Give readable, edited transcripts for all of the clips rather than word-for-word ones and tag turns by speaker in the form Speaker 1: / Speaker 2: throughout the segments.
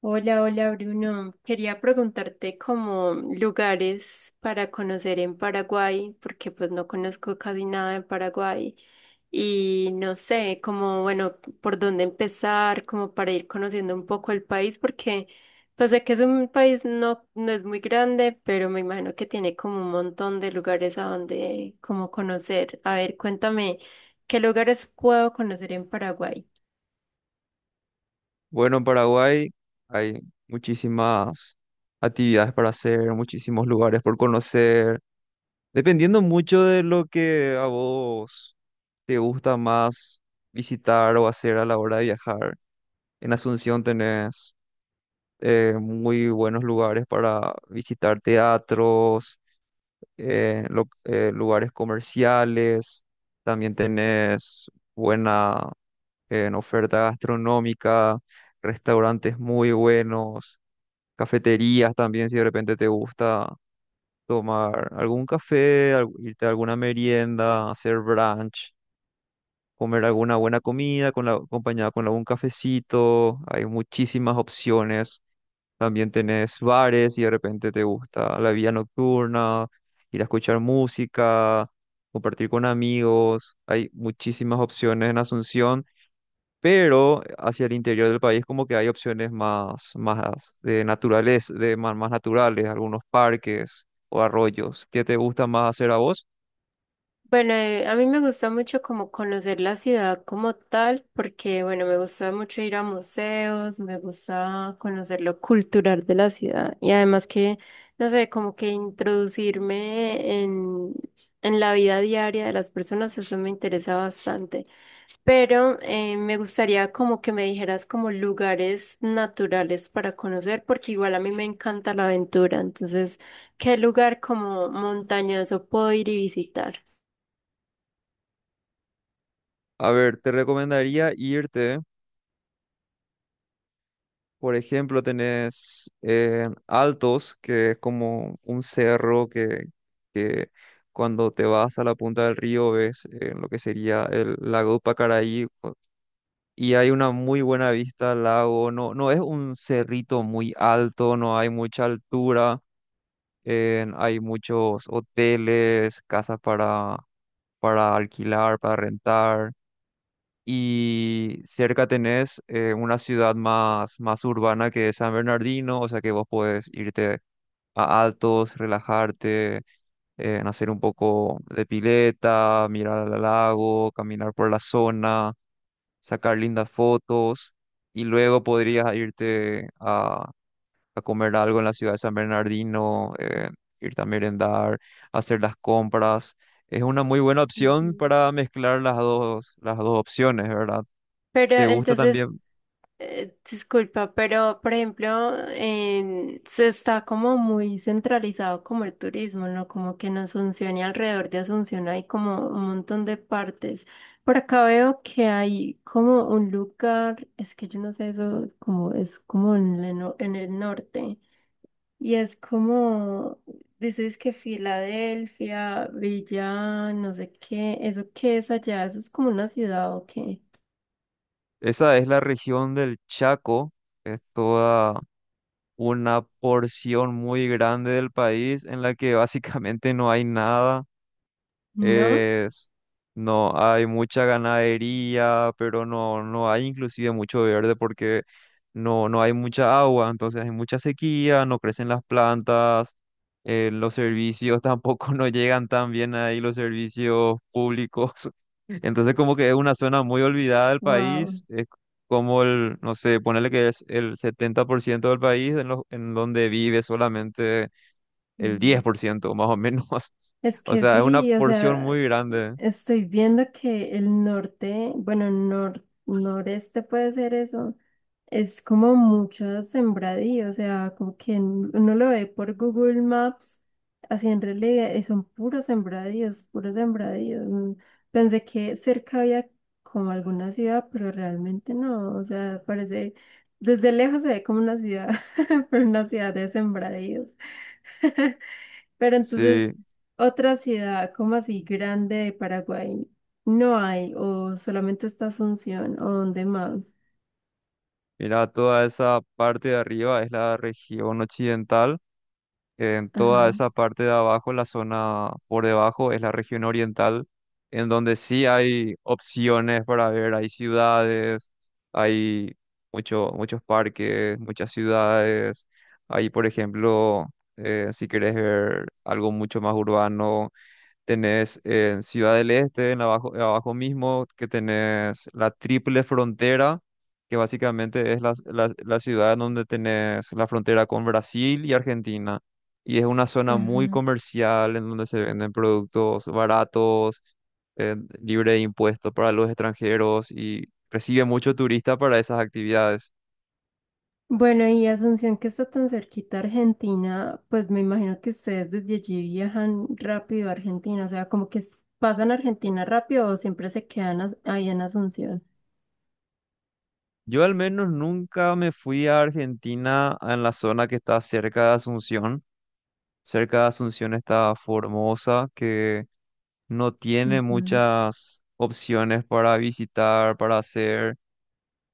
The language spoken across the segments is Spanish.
Speaker 1: Hola, hola Bruno. Quería preguntarte como lugares para conocer en Paraguay, porque pues no conozco casi nada en Paraguay y no sé como, bueno, por dónde empezar, como para ir conociendo un poco el país, porque pues sé que es un país no es muy grande, pero me imagino que tiene como un montón de lugares a donde como conocer. A ver, cuéntame, ¿qué lugares puedo conocer en Paraguay?
Speaker 2: Bueno, en Paraguay hay muchísimas actividades para hacer, muchísimos lugares por conocer, dependiendo mucho de lo que a vos te gusta más visitar o hacer a la hora de viajar. En Asunción tenés muy buenos lugares para visitar teatros, lugares comerciales, también tenés buena en oferta gastronómica, restaurantes muy buenos. Cafeterías también, si de repente te gusta tomar algún café, irte a alguna merienda, hacer brunch, comer alguna buena comida con la, acompañada con algún cafecito. Hay muchísimas opciones. También tenés bares y de repente te gusta la vida nocturna, ir a escuchar música, compartir con amigos. Hay muchísimas opciones en Asunción, pero hacia el interior del país como que hay opciones más, más de naturales, de más, más naturales, algunos parques o arroyos. ¿Qué te gusta más hacer a vos?
Speaker 1: Bueno, a mí me gusta mucho como conocer la ciudad como tal, porque bueno, me gusta mucho ir a museos, me gusta conocer lo cultural de la ciudad y además que, no sé, como que en la vida diaria de las personas, eso me interesa bastante. Pero me gustaría como que me dijeras como lugares naturales para conocer, porque igual a mí me encanta la aventura, entonces, ¿qué lugar como montañoso puedo ir y visitar?
Speaker 2: A ver, te recomendaría irte, por ejemplo, tenés en Altos, que es como un cerro que cuando te vas a la punta del río ves lo que sería el lago de Pacaraí, y hay una muy buena vista al lago, no, no es un cerrito muy alto, no hay mucha altura. Hay muchos hoteles, casas para alquilar, para rentar. Y cerca tenés una ciudad más, más urbana, que es San Bernardino, o sea que vos podés irte a Altos, relajarte, hacer un poco de pileta, mirar al lago, caminar por la zona, sacar lindas fotos. Y luego podrías irte a comer algo en la ciudad de San Bernardino, ir a merendar, hacer las compras. Es una muy buena opción
Speaker 1: Ujú.
Speaker 2: para mezclar las dos opciones, ¿verdad?
Speaker 1: Pero
Speaker 2: ¿Te gusta
Speaker 1: entonces,
Speaker 2: también?
Speaker 1: disculpa, pero por ejemplo, se está como muy centralizado como el turismo, ¿no? Como que en Asunción y alrededor de Asunción hay como un montón de partes. Por acá veo que hay como un lugar, es que yo no sé eso, como es como en, el no- en el norte. Y es como, dices que Filadelfia, Villa, no sé qué, ¿eso qué es allá? ¿Eso es como una ciudad o qué?
Speaker 2: Esa es la región del Chaco, es toda una porción muy grande del país en la que básicamente no hay nada.
Speaker 1: ¿No?
Speaker 2: Es, no hay mucha ganadería, pero no, no hay inclusive mucho verde porque no, no hay mucha agua, entonces hay mucha sequía, no crecen las plantas, los servicios tampoco no llegan tan bien ahí, los servicios públicos. Entonces como que es una zona muy olvidada del
Speaker 1: Wow.
Speaker 2: país, es como el, no sé, ponerle que es el 70% del país en, en donde vive solamente el 10% más o menos.
Speaker 1: Es
Speaker 2: O
Speaker 1: que
Speaker 2: sea, es una
Speaker 1: sí, o
Speaker 2: porción
Speaker 1: sea,
Speaker 2: muy grande.
Speaker 1: estoy viendo que el norte, bueno, noreste puede ser eso, es como mucho sembradío, o sea, como que uno lo ve por Google Maps, así en relieve, y son puros sembradíos, puros sembradíos. Mm. Pensé que cerca había como alguna ciudad, pero realmente no, o sea, parece, desde lejos se ve como una ciudad, pero una ciudad de sembradíos. Pero entonces,
Speaker 2: Sí,
Speaker 1: otra ciudad como así grande de Paraguay no hay, o solamente está Asunción, o dónde más.
Speaker 2: mira, toda esa parte de arriba es la región occidental, en toda
Speaker 1: Ajá,
Speaker 2: esa parte de abajo, la zona por debajo es la región oriental, en donde sí hay opciones para ver, hay ciudades, hay mucho, muchos parques, muchas ciudades, hay, por ejemplo, si quieres ver algo mucho más urbano. Tenés en Ciudad del Este, en abajo, abajo mismo, que tenés la triple frontera, que básicamente es la ciudad en donde tenés la frontera con Brasil y Argentina. Y es una zona muy
Speaker 1: ajá.
Speaker 2: comercial en donde se venden productos baratos, libre de impuestos para los extranjeros, y recibe mucho turista para esas actividades.
Speaker 1: Bueno, y Asunción que está tan cerquita a Argentina, pues me imagino que ustedes desde allí viajan rápido a Argentina, o sea, como que pasan a Argentina rápido o siempre se quedan ahí en Asunción.
Speaker 2: Yo al menos nunca me fui a Argentina en la zona que está cerca de Asunción. Cerca de Asunción está Formosa, que no tiene
Speaker 1: Ujú.
Speaker 2: muchas opciones para visitar, para hacer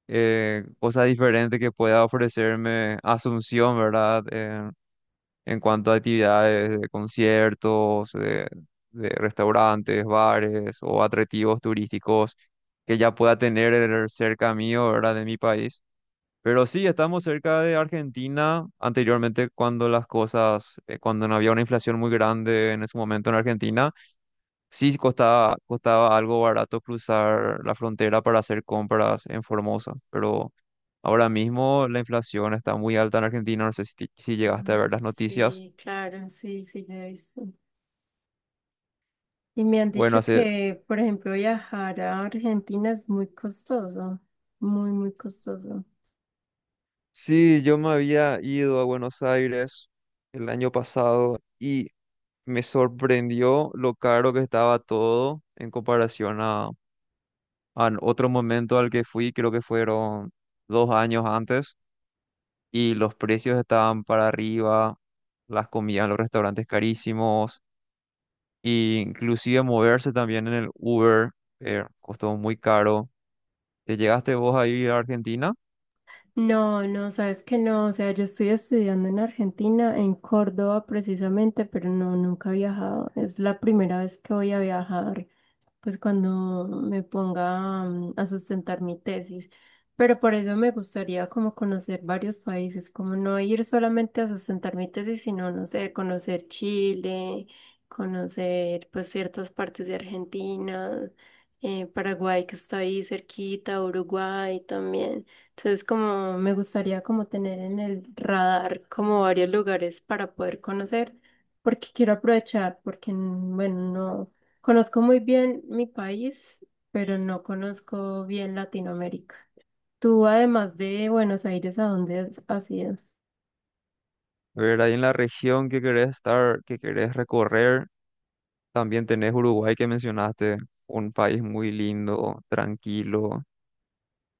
Speaker 2: cosas diferentes que pueda ofrecerme Asunción, ¿verdad? En cuanto a actividades de conciertos, de restaurantes, bares o atractivos turísticos que ya pueda tener cerca mío, ¿verdad? De mi país. Pero sí, estamos cerca de Argentina. Anteriormente, cuando las cosas, cuando no había una inflación muy grande en ese momento en Argentina, sí costaba, costaba algo barato cruzar la frontera para hacer compras en Formosa. Pero ahora mismo la inflación está muy alta en Argentina. No sé si, si llegaste a
Speaker 1: Ujú.
Speaker 2: ver las noticias.
Speaker 1: Sí, claro, sí, sí, ya he visto. Y me han
Speaker 2: Bueno,
Speaker 1: dicho
Speaker 2: hace...
Speaker 1: que, por ejemplo, viajar a Argentina es muy costoso, muy, muy costoso.
Speaker 2: Sí, yo me había ido a Buenos Aires el año pasado y me sorprendió lo caro que estaba todo en comparación a... Al otro momento al que fui, creo que fueron dos años antes, y los precios estaban para arriba, las comidas en los restaurantes carísimos, e inclusive moverse también en el Uber, costó muy caro. ¿Te llegaste vos a ir a Argentina?
Speaker 1: No, no, sabes que no, o sea, yo estoy estudiando en Argentina, en Córdoba precisamente, pero no, nunca he viajado. Es la primera vez que voy a viajar. Pues cuando me ponga a sustentar mi tesis. Pero por eso me gustaría como conocer varios países, como no ir solamente a sustentar mi tesis, sino, no sé, conocer Chile, conocer pues ciertas partes de Argentina, Paraguay que está ahí cerquita, Uruguay también. Entonces como me gustaría como tener en el radar como varios lugares para poder conocer, porque quiero aprovechar, porque bueno, no. Conozco muy bien mi país, pero no conozco bien Latinoamérica. Tú, además de Buenos Aires, ¿a dónde has ido?
Speaker 2: A ver, ahí en la región que querés estar, que querés recorrer, también tenés Uruguay que mencionaste, un país muy lindo, tranquilo.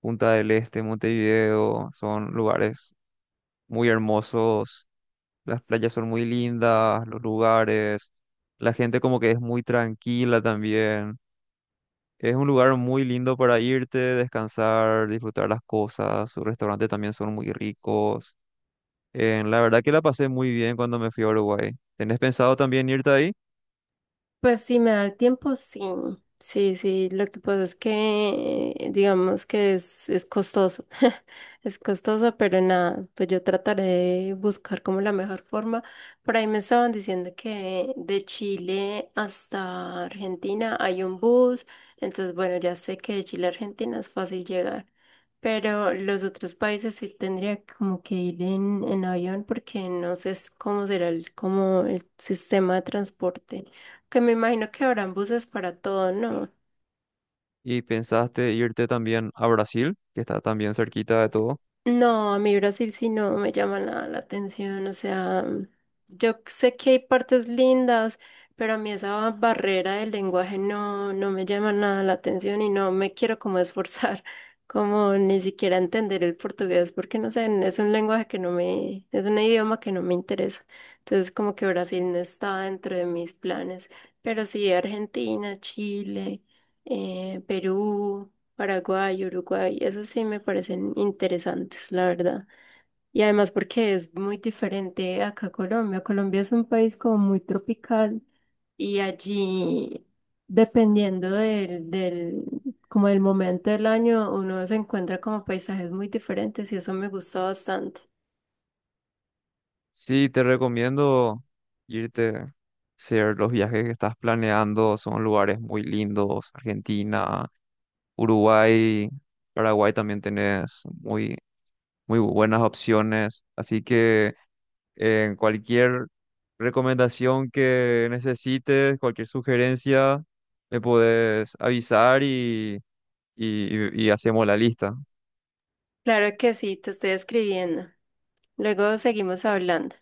Speaker 2: Punta del Este, Montevideo, son lugares muy hermosos. Las playas son muy lindas, los lugares, la gente como que es muy tranquila también. Es un lugar muy lindo para irte, descansar, disfrutar las cosas. Sus restaurantes también son muy ricos. La verdad que la pasé muy bien cuando me fui a Uruguay. ¿Tenés pensado también irte ahí?
Speaker 1: Pues si me da el tiempo, sí. Sí, sí, lo que pasa es que digamos que es costoso. Es costoso, pero nada, pues yo trataré de buscar como la mejor forma. Por ahí me estaban diciendo que de Chile hasta Argentina hay un bus, entonces bueno, ya sé que de Chile a Argentina es fácil llegar, pero los otros países sí tendría como que ir en avión porque no sé cómo será el, como el sistema de transporte. Que me imagino que habrán buses para todo, ¿no?
Speaker 2: ¿Y pensaste irte también a Brasil, que está también cerquita de todo?
Speaker 1: No, a mí Brasil sí no me llama nada la atención, o sea, yo sé que hay partes lindas, pero a mí esa barrera del lenguaje no me llama nada la atención y no me quiero como esforzar, como ni siquiera entender el portugués, porque no sé, es un lenguaje que no me, es un idioma que no me interesa, entonces como que Brasil no está dentro de mis planes, pero sí Argentina, Chile, Perú. Paraguay, Uruguay, esos sí me parecen interesantes, la verdad. Y además porque es muy diferente acá a Colombia. Colombia es un país como muy tropical y allí, dependiendo del como del momento del año, uno se encuentra como paisajes muy diferentes y eso me gustó bastante.
Speaker 2: Sí, te recomiendo irte, hacer los viajes que estás planeando. Son lugares muy lindos. Argentina, Uruguay, Paraguay, también tenés muy, muy buenas opciones. Así que en cualquier recomendación que necesites, cualquier sugerencia, me podés avisar y, y hacemos la lista.
Speaker 1: Claro que sí, te estoy escribiendo. Luego seguimos hablando.